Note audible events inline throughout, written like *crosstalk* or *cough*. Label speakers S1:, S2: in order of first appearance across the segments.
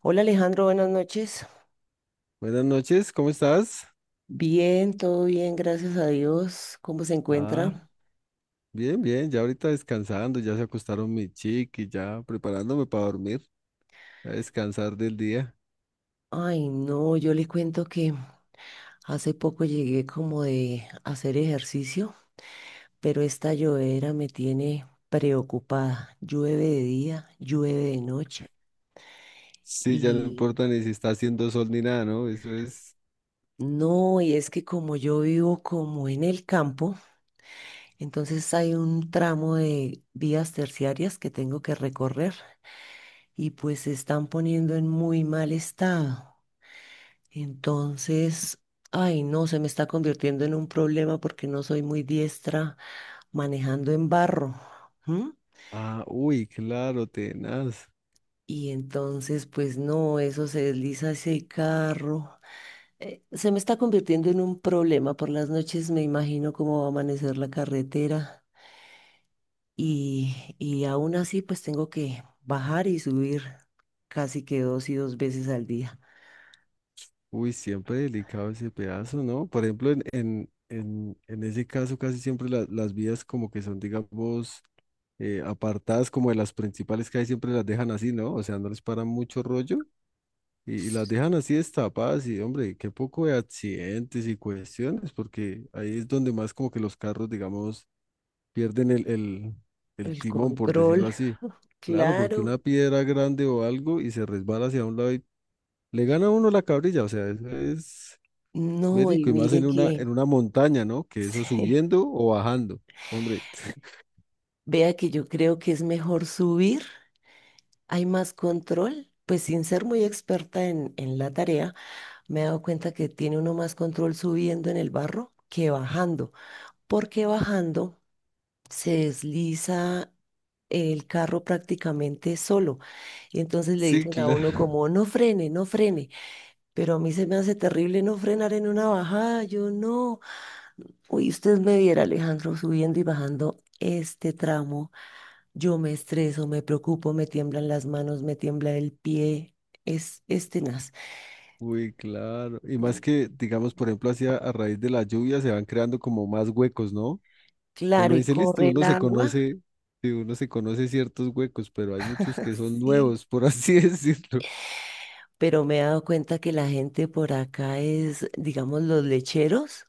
S1: Hola Alejandro, buenas noches.
S2: Buenas noches, ¿cómo estás?
S1: Bien, todo bien, gracias a Dios. ¿Cómo se
S2: Ah,
S1: encuentra?
S2: bien, bien, ya ahorita descansando, ya se acostaron mi chiqui, ya preparándome para dormir, a descansar del día.
S1: Ay, no, yo le cuento que hace poco llegué como de hacer ejercicio, pero esta llovedera me tiene preocupada. Llueve de día, llueve de noche.
S2: Sí, ya no
S1: Y
S2: importa ni si está haciendo sol ni nada, ¿no? Eso es.
S1: no, y es que como yo vivo como en el campo, entonces hay un tramo de vías terciarias que tengo que recorrer y pues se están poniendo en muy mal estado. Entonces, ay, no, se me está convirtiendo en un problema porque no soy muy diestra manejando en barro. ¿M?
S2: Ah, uy, claro, tenaz.
S1: Y entonces, pues no, eso se desliza ese carro. Se me está convirtiendo en un problema. Por las noches me imagino cómo va a amanecer la carretera y aún así, pues tengo que bajar y subir casi que dos y dos veces al día.
S2: Uy, siempre delicado ese pedazo, ¿no? Por ejemplo, en ese caso casi siempre las vías como que son, digamos, apartadas como de las principales que hay, siempre las dejan así, ¿no? O sea, no les paran mucho rollo. Y las dejan así destapadas y, hombre, qué poco de accidentes y cuestiones, porque ahí es donde más como que los carros, digamos, pierden el
S1: El
S2: timón, por
S1: control,
S2: decirlo así. Claro, porque
S1: claro.
S2: una piedra grande o algo y se resbala hacia un lado y le gana a uno la cabrilla, o sea, eso es
S1: No, y
S2: verico y más
S1: mire
S2: en
S1: que...
S2: una montaña, ¿no? Que
S1: *laughs*
S2: eso
S1: Sí.
S2: subiendo o bajando. Hombre, *laughs*
S1: Vea que yo creo que es mejor subir, hay más control, pues sin ser muy experta en la tarea. Me he dado cuenta que tiene uno más control subiendo en el barro que bajando, porque bajando se desliza el carro prácticamente solo. Y entonces le
S2: sí,
S1: dicen a uno
S2: claro.
S1: como, no frene, no frene. Pero a mí se me hace terrible no frenar en una bajada, yo no. Uy, usted me viera, Alejandro, subiendo y bajando este tramo. Yo me estreso, me preocupo, me tiemblan las manos, me tiembla el pie. Es tenaz.
S2: Uy, claro. Y más que, digamos, por ejemplo, así a raíz de la lluvia se van creando como más huecos, ¿no? Uno
S1: Claro, y
S2: dice, listo,
S1: corre el
S2: uno se
S1: agua.
S2: conoce, sí, uno se conoce ciertos huecos, pero hay muchos
S1: *laughs*
S2: que son
S1: Sí.
S2: nuevos, por así *laughs* decirlo.
S1: Pero me he dado cuenta que la gente por acá es, digamos, los lecheros.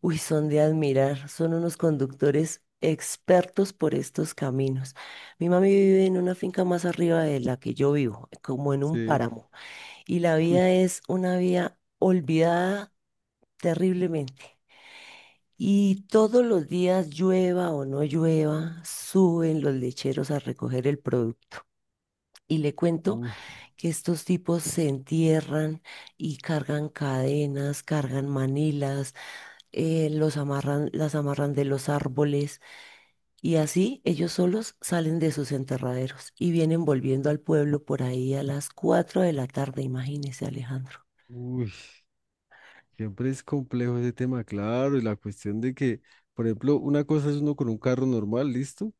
S1: Uy, son de admirar. Son unos conductores expertos por estos caminos. Mi mami vive en una finca más arriba de la que yo vivo, como en un
S2: Sí,
S1: páramo. Y la vida
S2: uy,
S1: es una vía olvidada terriblemente. Y todos los días, llueva o no llueva, suben los lecheros a recoger el producto. Y le cuento
S2: uy,
S1: que estos tipos se entierran y cargan cadenas, cargan manilas, los amarran, las amarran de los árboles. Y así ellos solos salen de sus enterraderos y vienen volviendo al pueblo por ahí a las 4 de la tarde, imagínese, Alejandro.
S2: uy, siempre es complejo ese tema, claro, y la cuestión de que, por ejemplo, una cosa es uno con un carro normal, listo,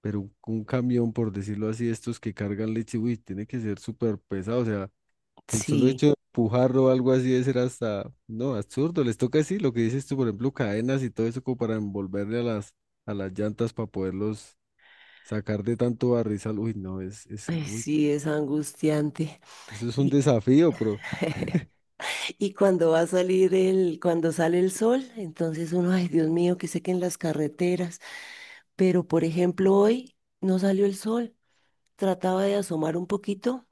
S2: pero un camión, por decirlo así, estos que cargan leche, uy, tiene que ser súper pesado, o sea, el solo
S1: Sí,
S2: hecho de empujarlo o algo así debe ser hasta, no, absurdo. Les toca así, lo que dices tú, por ejemplo, cadenas y todo eso como para envolverle a a las llantas para poderlos sacar de tanto barrizal. Uy, no,
S1: ay,
S2: uy, no,
S1: sí, es angustiante.
S2: eso es un
S1: Y
S2: desafío, pero,
S1: *laughs* Y cuando va a salir el, cuando sale el sol, entonces uno, ay Dios mío, que sequen las carreteras. Pero por ejemplo, hoy no salió el sol. Trataba de asomar un poquito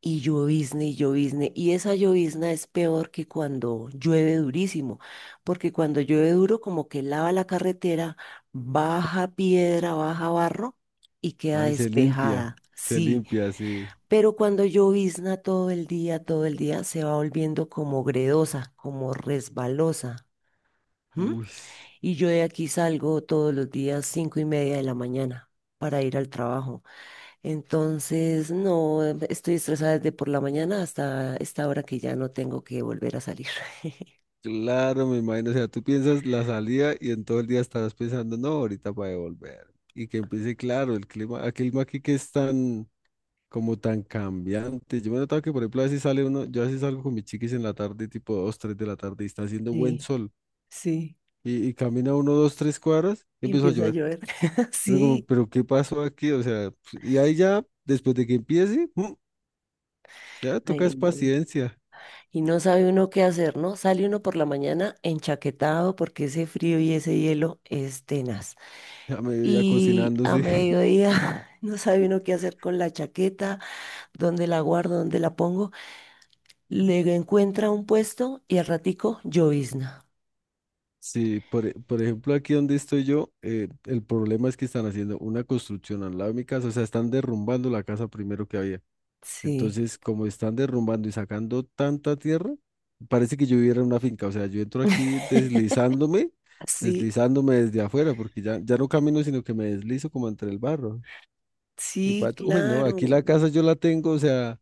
S1: y llovizna y llovizna. Y esa llovizna es peor que cuando llueve durísimo, porque cuando llueve duro, como que lava la carretera, baja piedra, baja barro y queda
S2: ay,
S1: despejada.
S2: se
S1: Sí,
S2: limpia, sí.
S1: pero cuando llovizna todo el día, se va volviendo como gredosa, como resbalosa. ¿M?
S2: Uy,
S1: Y yo de aquí salgo todos los días 5:30 de la mañana para ir al trabajo. Entonces, no, estoy estresada desde por la mañana hasta esta hora que ya no tengo que volver a salir. *laughs*
S2: claro, me imagino. O sea, tú piensas la salida y en todo el día estarás pensando, no, ahorita para devolver. Y que empiece, claro, el clima aquí que es tan como tan cambiante. Yo me he notado que, por ejemplo, a veces sale uno, yo a veces salgo con mis chiquis en la tarde, tipo 2 3 de la tarde, y está haciendo buen
S1: Sí,
S2: sol,
S1: sí,
S2: y camina uno, dos, tres cuadras, y
S1: y
S2: empieza a
S1: empieza a
S2: llover.
S1: llover. *laughs*
S2: Y uno como,
S1: Sí.
S2: pero ¿qué pasó aquí? O sea, pues, y ahí ya, después de que empiece, ya toca
S1: Ay,
S2: es
S1: no.
S2: paciencia,
S1: Y no sabe uno qué hacer, ¿no? Sale uno por la mañana enchaquetado porque ese frío y ese hielo es tenaz.
S2: a medida
S1: Y a
S2: cocinándose. *laughs*
S1: mediodía *laughs* no sabe uno qué hacer con la chaqueta, dónde la guardo, dónde la pongo. Le encuentra un puesto y al ratico llovizna.
S2: Sí, por, por ejemplo, aquí donde estoy yo, el problema es que están haciendo una construcción al lado de mi casa, o sea, están derrumbando la casa primero que había.
S1: Sí.
S2: Entonces, como están derrumbando y sacando tanta tierra, parece que yo viviera en una finca. O sea, yo entro aquí deslizándome,
S1: *laughs* Sí,
S2: deslizándome desde afuera, porque ya, ya no camino, sino que me deslizo como entre el barro. Y
S1: sí,
S2: pato, uy, no, aquí
S1: claro.
S2: la casa yo la tengo, o sea,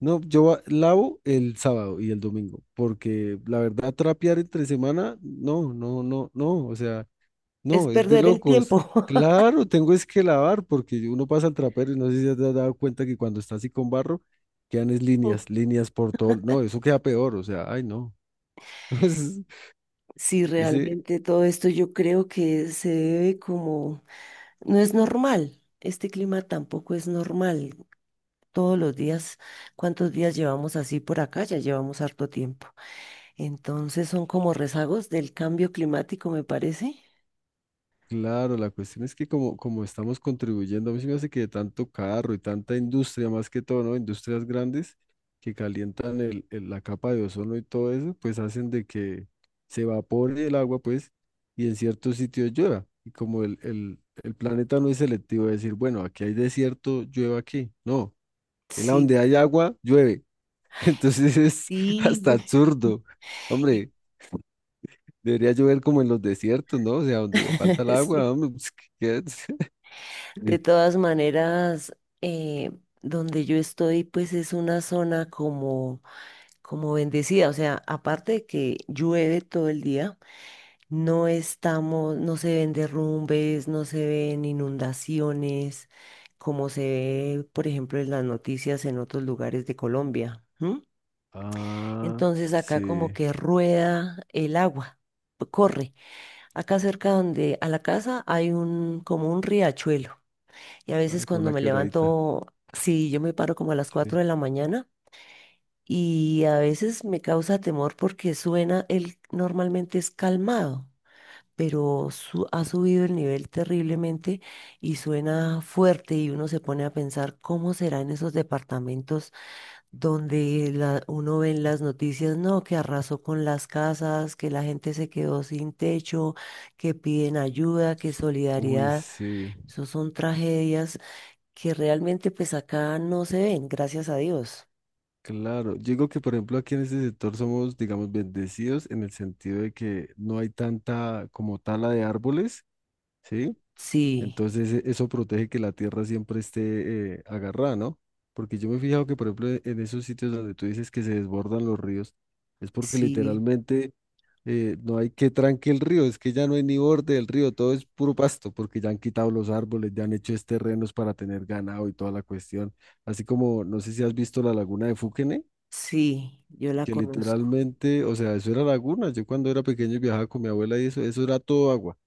S2: no, yo lavo el sábado y el domingo, porque la verdad, trapear entre semana, no, o sea.
S1: Es
S2: No, es de
S1: perder el
S2: locos.
S1: tiempo.
S2: Claro, tengo es que lavar porque uno pasa al trapero y no sé si te has dado cuenta que cuando está así con barro, quedan es líneas,
S1: *laughs*
S2: líneas por todo. No, eso queda peor, o sea, ay no. *laughs*
S1: Sí,
S2: Ese.
S1: realmente todo esto yo creo que se debe como, no es normal, este clima tampoco es normal. Todos los días, ¿cuántos días llevamos así por acá? Ya llevamos harto tiempo. Entonces son como rezagos del cambio climático, me parece.
S2: Claro, la cuestión es que como estamos contribuyendo, a mí se me hace que de tanto carro y tanta industria, más que todo, ¿no? Industrias grandes que calientan la capa de ozono y todo eso, pues hacen de que se evapore el agua, pues, y en ciertos sitios llueva. Y como el planeta no es selectivo, de decir, bueno, aquí hay desierto, llueva aquí. No, en la
S1: Sí,
S2: donde hay
S1: sí,
S2: agua, llueve. *laughs* Entonces es
S1: sí.
S2: hasta absurdo.
S1: Y-
S2: Hombre, debería llover como en los desiertos, ¿no? O sea, donde falta el
S1: *laughs* sí.
S2: agua, hombre, pues, ¿qué es?
S1: De
S2: Sí.
S1: todas maneras, donde yo estoy, pues es una zona como, como bendecida. O sea, aparte de que llueve todo el día, no estamos, no se ven derrumbes, no se ven inundaciones, como se ve, por ejemplo, en las noticias en otros lugares de Colombia.
S2: Ah,
S1: Entonces acá como
S2: sí.
S1: que rueda el agua, corre. Acá cerca donde a la casa hay un como un riachuelo. Y a
S2: Ah,
S1: veces
S2: como
S1: cuando
S2: una
S1: me
S2: quebradita.
S1: levanto, sí, yo me paro como a las
S2: Sí.
S1: 4 de la mañana y a veces me causa temor porque suena, él normalmente es calmado, pero ha subido el nivel terriblemente y suena fuerte y uno se pone a pensar cómo serán esos departamentos donde la- uno ve en las noticias, no, que arrasó con las casas, que la gente se quedó sin techo, que piden ayuda, que
S2: Uy,
S1: solidaridad.
S2: sí.
S1: Esos son tragedias que realmente pues acá no se ven, gracias a Dios.
S2: Claro. Yo digo que, por ejemplo, aquí en este sector somos, digamos, bendecidos en el sentido de que no hay tanta como tala de árboles, ¿sí?
S1: Sí,
S2: Entonces eso protege que la tierra siempre esté agarrada, ¿no? Porque yo me he fijado que, por ejemplo, en esos sitios donde tú dices que se desbordan los ríos, es porque
S1: sí,
S2: literalmente no hay que tranque el río, es que ya no hay ni borde del río, todo es puro pasto, porque ya han quitado los árboles, ya han hecho es terrenos para tener ganado y toda la cuestión. Así como, no sé si has visto la laguna de Fuquene,
S1: sí, yo la
S2: que
S1: conozco.
S2: literalmente, o sea, eso era laguna. Yo cuando era pequeño viajaba con mi abuela y eso era todo agua.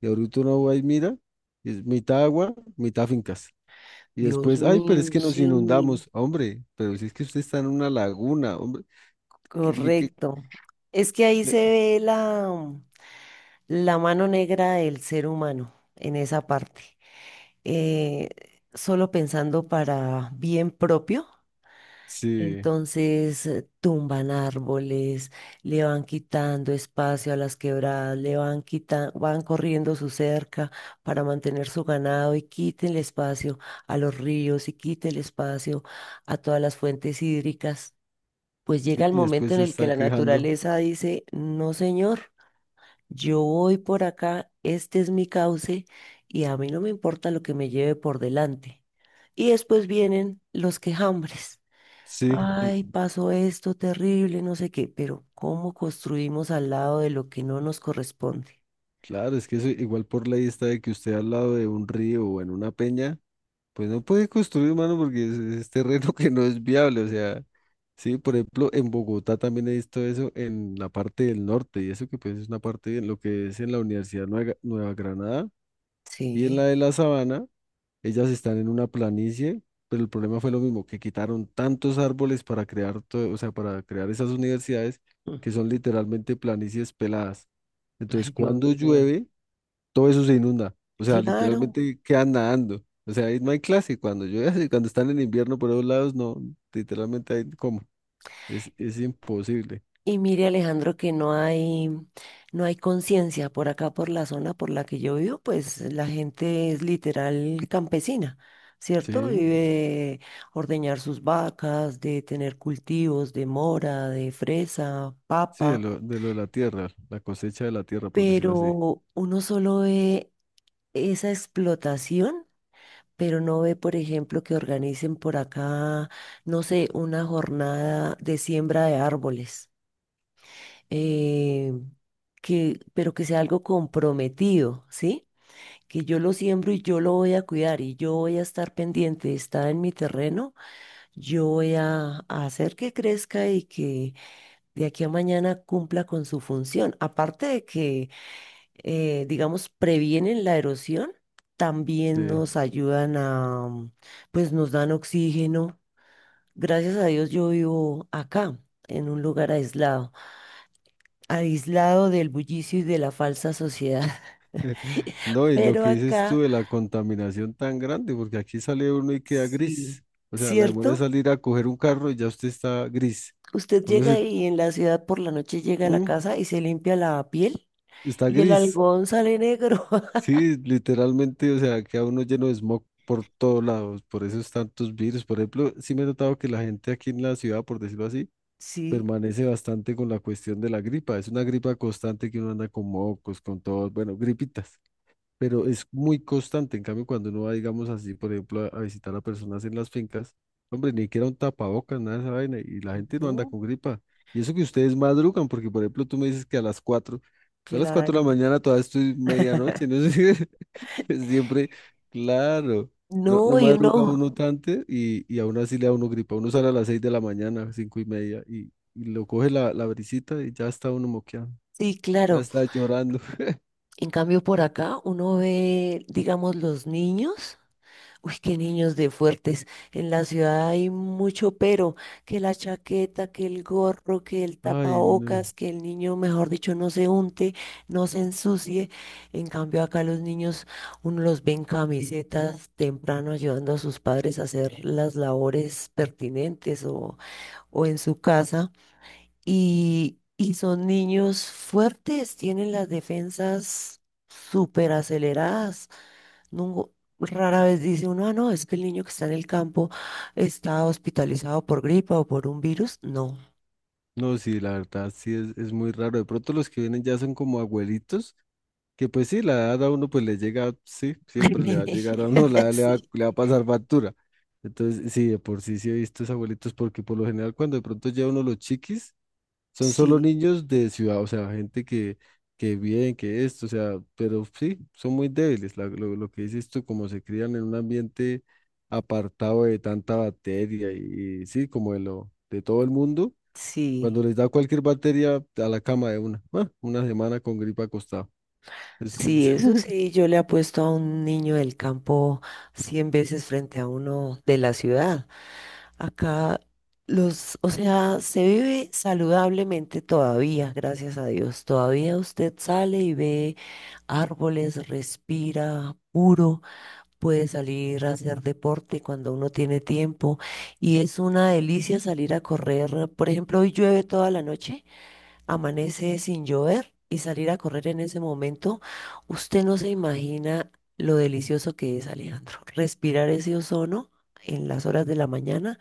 S2: Y ahorita uno va y mira, es mitad agua, mitad fincas. Y
S1: Dios
S2: después, ay, pero
S1: mío,
S2: es que nos
S1: sí,
S2: inundamos, hombre, pero si es que usted está en una laguna, hombre, qué qué que-
S1: correcto. Es que ahí se
S2: le-
S1: ve la mano negra del ser humano en esa parte. eh, Solo pensando para bien propio.
S2: sí,
S1: Entonces tumban árboles, le van quitando espacio a las quebradas, le van quitando, van corriendo su cerca para mantener su ganado y quiten el espacio a los ríos y quiten el espacio a todas las fuentes hídricas. Pues
S2: y,
S1: llega el
S2: y después
S1: momento en
S2: se
S1: el que
S2: están
S1: la
S2: quejando,
S1: naturaleza dice, no señor. Yo voy por acá, este es mi cauce y a mí no me importa lo que me lleve por delante. Y después vienen los quejambres.
S2: sí.
S1: Ay, pasó esto terrible, no sé qué, pero ¿cómo construimos al lado de lo que no nos corresponde?
S2: Claro, es que eso igual por ley está de que usted al lado de un río o en una peña, pues no puede construir, mano, porque es terreno *laughs* que no es viable. O sea, sí, por ejemplo, en Bogotá también he visto eso en la parte del norte, y eso que pues es una parte en lo que es en la Universidad Nueva, Nueva Granada y en la
S1: Sí.
S2: de la Sabana, ellas están en una planicie, pero el problema fue lo mismo, que quitaron tantos árboles para crear todo, o sea, para crear esas universidades
S1: Mm.
S2: que son literalmente planicies peladas. Entonces,
S1: Ay, Dios
S2: cuando
S1: mío.
S2: llueve, todo eso se inunda. O sea,
S1: Claro.
S2: literalmente quedan nadando. O sea, ahí no hay clase. Cuando llueve, *laughs* cuando están en invierno por esos lados, no, literalmente hay como. Es imposible.
S1: Y mire, Alejandro, que no hay, no hay conciencia por acá, por la zona por la que yo vivo, pues la gente es literal campesina, ¿cierto?
S2: Sí,
S1: Vive de ordeñar sus vacas, de tener cultivos de mora, de fresa,
S2: sí, de
S1: papa,
S2: lo, de lo de la tierra, la cosecha de la tierra, por decirlo así.
S1: pero uno solo ve esa explotación, pero no ve, por ejemplo, que organicen por acá, no sé, una jornada de siembra de árboles, eh, que, pero que sea algo comprometido, ¿sí? Que yo lo siembro y yo lo voy a cuidar y yo voy a estar pendiente, está en mi terreno, yo voy a hacer que crezca y que de aquí a mañana cumpla con su función. Aparte de que, digamos, previenen la erosión, también
S2: Sí.
S1: nos ayudan a, pues nos dan oxígeno. Gracias a Dios yo vivo acá, en un lugar aislado del bullicio y de la falsa sociedad. *laughs*
S2: *laughs* No, y lo
S1: Pero
S2: que dices tú
S1: acá,
S2: de la contaminación tan grande, porque aquí sale uno y queda
S1: sí,
S2: gris. O sea, la demora de
S1: ¿cierto?
S2: salir a coger un carro y ya usted está gris.
S1: Usted
S2: Uno
S1: llega
S2: se,
S1: y en la ciudad por la noche llega a la
S2: mm,
S1: casa y se limpia la piel
S2: está
S1: y el
S2: gris.
S1: algodón sale negro. *laughs*
S2: Sí, literalmente, o sea, queda uno lleno de smog por todos lados, por esos tantos virus. Por ejemplo, sí me he notado que la gente aquí en la ciudad, por decirlo así,
S1: Sí,
S2: permanece bastante con la cuestión de la gripa. Es una gripa constante que uno anda con mocos, con todo, bueno, gripitas, pero es muy constante. En cambio, cuando uno va, digamos así, por ejemplo, a visitar a personas en las fincas, hombre, ni siquiera un tapabocas, nada de esa vaina, y la gente no anda
S1: no,
S2: con gripa. Y eso que ustedes madrugan, porque por ejemplo, tú me dices que a las 4, yo a las 4 de la
S1: claro.
S2: mañana todavía estoy medianoche,
S1: *laughs*
S2: no sé, *laughs* pues siempre, claro. No, no
S1: No, y
S2: madruga
S1: uno,
S2: uno tanto y aún así le da uno gripa. Uno sale a las 6 de la mañana, cinco y media, y lo coge la brisita y ya está uno moqueado,
S1: sí,
S2: ya
S1: claro.
S2: está llorando. *laughs*
S1: En cambio, por acá uno ve, digamos, los niños. Uy, qué niños de fuertes. En la ciudad hay mucho pero, que la chaqueta, que el gorro, que el
S2: Ay, no.
S1: tapabocas, que el niño, mejor dicho, no se unte, no se ensucie. En cambio, acá los niños, uno los ve en camisetas temprano ayudando a sus padres a hacer las labores pertinentes o en su casa. Y son niños fuertes, tienen las defensas súper aceleradas. Nungo- rara vez dice uno, ah, no, es que el niño que está en el campo está hospitalizado por gripa o por un virus. No.
S2: No, sí, la verdad, sí, es muy raro. De pronto los que vienen ya son como abuelitos, que pues sí, la edad a uno pues le llega, sí, siempre le va a
S1: *laughs*
S2: llegar a uno, *laughs* la edad
S1: Sí,
S2: le va a pasar factura. Entonces, sí, de por sí sí he visto esos abuelitos, porque por lo general cuando de pronto ya uno los chiquis, son solo
S1: sí,
S2: niños de ciudad, o sea, gente que bien, que esto, o sea, pero sí, son muy débiles. Lo que dices tú, como se crían en un ambiente apartado de tanta bacteria y sí, como de lo, de todo el mundo cuando
S1: sí.
S2: les da cualquier bacteria a la cama de una. Bueno, una semana con gripa acostado. Eso
S1: Sí, eso
S2: *laughs*
S1: sí, yo le apuesto a un niño del campo 100 veces frente a uno de la ciudad. Acá los, o sea, se vive saludablemente todavía, gracias a Dios. Todavía usted sale y ve árboles, respira puro, puede salir a hacer deporte cuando uno tiene tiempo y es una delicia salir a correr. Por ejemplo, hoy llueve toda la noche, amanece sin llover y salir a correr en ese momento, usted no se imagina lo delicioso que es, Alejandro. Respirar ese ozono en las horas de la mañana,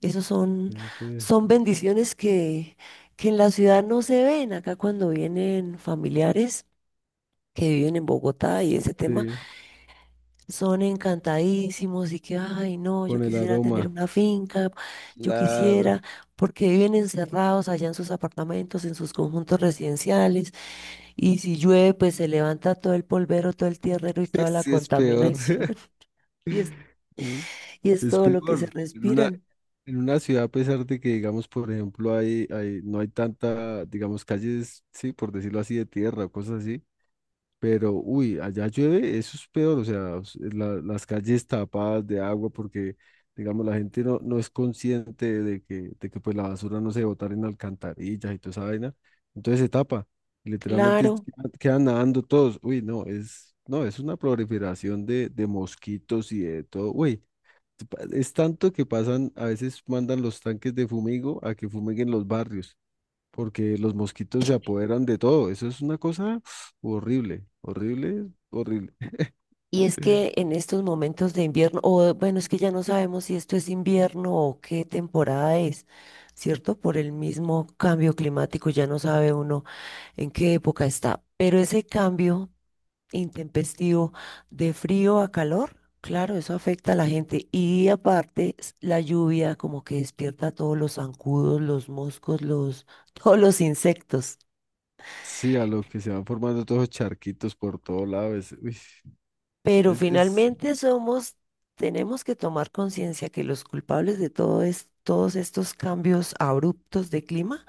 S1: esos son,
S2: Ya, pues.
S1: son bendiciones que en la ciudad no se ven. Acá cuando vienen familiares que viven en Bogotá y ese tema,
S2: Sí,
S1: son encantadísimos y que, ay, no, yo
S2: con el
S1: quisiera tener
S2: aroma.
S1: una finca, yo
S2: Claro.
S1: quisiera, porque viven encerrados allá en sus apartamentos, en sus conjuntos residenciales y si llueve, pues se levanta todo el polvero, todo el tierrero y
S2: *laughs*
S1: toda la
S2: Sí, es peor.
S1: contaminación.
S2: *laughs*
S1: *laughs* Y es,
S2: ¿Eh?
S1: y es
S2: Es
S1: todo lo que se
S2: peor.
S1: respiran.
S2: En una ciudad, a pesar de que, digamos, por ejemplo, no hay tanta, digamos, calles, sí, por decirlo así, de tierra o cosas así. Pero, uy, allá llueve, eso es peor, o sea, las calles tapadas de agua porque, digamos, la gente no, no es consciente de que, pues la basura no se botar en alcantarillas y toda esa vaina, entonces se tapa, y literalmente
S1: Claro.
S2: quedan nadando todos, uy, no, es, no, es una proliferación de mosquitos y de todo, uy, es tanto que pasan, a veces mandan los tanques de fumigo a que fumiguen los barrios porque los mosquitos se apoderan de todo. Eso es una cosa horrible, horrible, horrible. *laughs*
S1: Y es que en estos momentos de invierno, o bueno, es que ya no sabemos si esto es invierno o qué temporada es, ¿cierto? Por el mismo cambio climático, ya no sabe uno en qué época está. Pero ese cambio intempestivo de frío a calor, claro, eso afecta a la gente. Y aparte, la lluvia como que despierta a todos los zancudos, los moscos, los, *laughs* todos los insectos.
S2: Sí, a lo que se van formando todos los charquitos por todo lado. Es, uy,
S1: Pero
S2: es,
S1: finalmente tenemos que tomar conciencia que los culpables de todo todos estos cambios abruptos de clima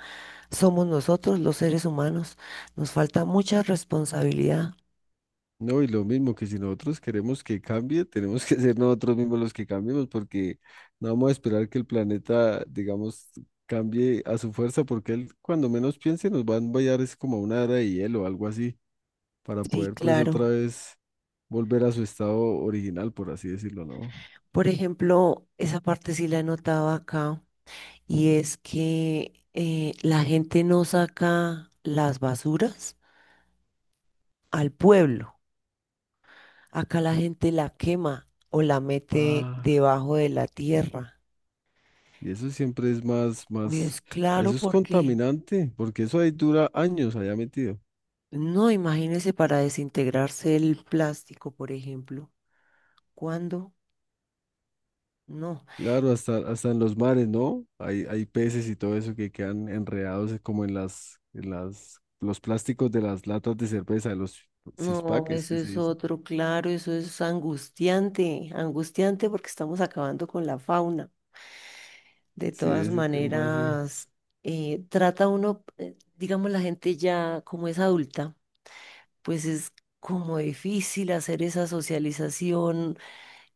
S1: somos nosotros, los seres humanos. Nos falta mucha responsabilidad.
S2: no, y lo mismo que si nosotros queremos que cambie, tenemos que ser nosotros mismos los que cambiemos, porque no vamos a esperar que el planeta, digamos, cambie a su fuerza, porque él, cuando menos piense, nos va a enviar es como a una era de hielo o algo así, para
S1: Sí,
S2: poder, pues, otra
S1: claro.
S2: vez volver a su estado original, por así decirlo, ¿no?
S1: Por ejemplo, esa parte sí la notaba acá. Y es que la gente no saca las basuras al pueblo. Acá la gente la quema o la mete
S2: Ah.
S1: debajo de la tierra.
S2: Y eso siempre es más,
S1: Y es
S2: a
S1: claro
S2: eso es
S1: porque,
S2: contaminante, porque eso ahí dura años allá metido.
S1: no, imagínese para desintegrarse el plástico, por ejemplo. ¿Cuándo? No,
S2: Claro, hasta, hasta en los mares, ¿no? Hay peces y todo eso que quedan enredados como en las, los plásticos de las latas de cerveza, de los
S1: no,
S2: cispaques
S1: eso
S2: que se
S1: es
S2: dice.
S1: otro, claro, eso es angustiante, angustiante porque estamos acabando con la fauna. De
S2: Sí,
S1: todas
S2: ese tema así.
S1: maneras, trata uno, digamos, la gente ya como es adulta, pues es como difícil hacer esa socialización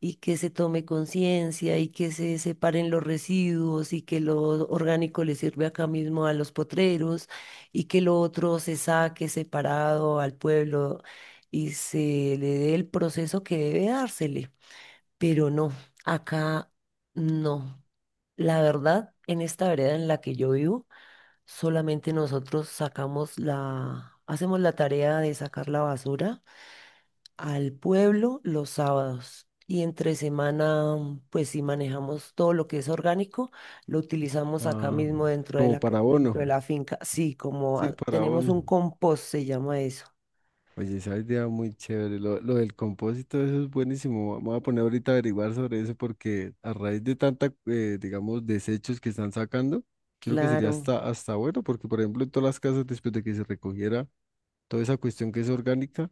S1: y que se tome conciencia y que se separen los residuos y que lo orgánico le sirve acá mismo a los potreros y que lo otro se saque separado al pueblo y se le dé el proceso que debe dársele. Pero no, acá no. La verdad, en esta vereda en la que yo vivo, solamente nosotros sacamos hacemos la tarea de sacar la basura al pueblo los sábados. Y entre semana, pues sí manejamos todo lo que es orgánico, lo utilizamos acá
S2: Ah,
S1: mismo dentro de
S2: como
S1: la, ca-
S2: para
S1: dentro de
S2: abono.
S1: la finca. Sí, como
S2: Sí, para
S1: tenemos un
S2: abono.
S1: compost, se llama eso.
S2: Oye, esa idea muy chévere. Lo del compósito, eso es buenísimo. Me voy a poner ahorita a averiguar sobre eso porque a raíz de tanta, digamos, desechos que están sacando, yo creo que sería
S1: Claro.
S2: hasta, hasta bueno porque, por ejemplo, en todas las casas, después de que se recogiera toda esa cuestión que es orgánica,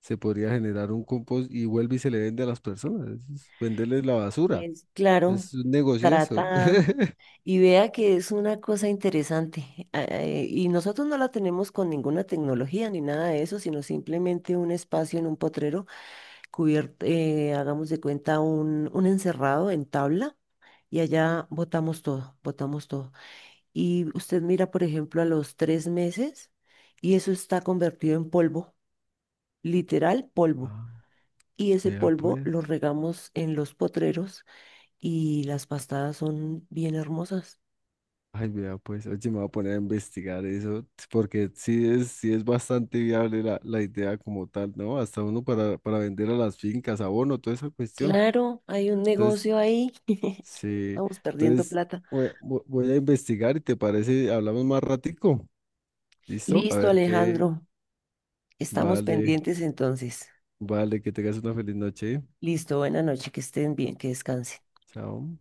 S2: se podría generar un compost y vuelve y se le vende a las personas. Eso es venderles la
S1: Y
S2: basura.
S1: es, claro,
S2: Es un negocio eso.
S1: tratada.
S2: *laughs*
S1: Y vea que es una cosa interesante. Y nosotros no la tenemos con ninguna tecnología ni nada de eso, sino simplemente un espacio en un potrero cubierto, hagamos de cuenta, un encerrado en tabla. Y allá botamos todo, botamos todo. Y usted mira, por ejemplo, a los 3 meses y eso está convertido en polvo, literal polvo.
S2: Ah,
S1: Y ese
S2: vea
S1: polvo
S2: pues.
S1: lo regamos en los potreros y las pastadas son bien hermosas.
S2: Ay, mira, pues, oye, me voy a poner a investigar eso, porque sí es bastante viable la, la idea como tal, ¿no? Hasta uno para vender a las fincas, abono, toda esa cuestión.
S1: Claro, hay un
S2: Entonces,
S1: negocio ahí.
S2: sí,
S1: Vamos perdiendo
S2: entonces
S1: plata.
S2: voy a investigar y te parece, hablamos más ratico, ¿listo? A
S1: Listo,
S2: ver qué,
S1: Alejandro. Estamos
S2: vale,
S1: pendientes entonces.
S2: vale, que tengas una feliz noche,
S1: Listo, buena noche, que estén bien, que descansen.
S2: chao.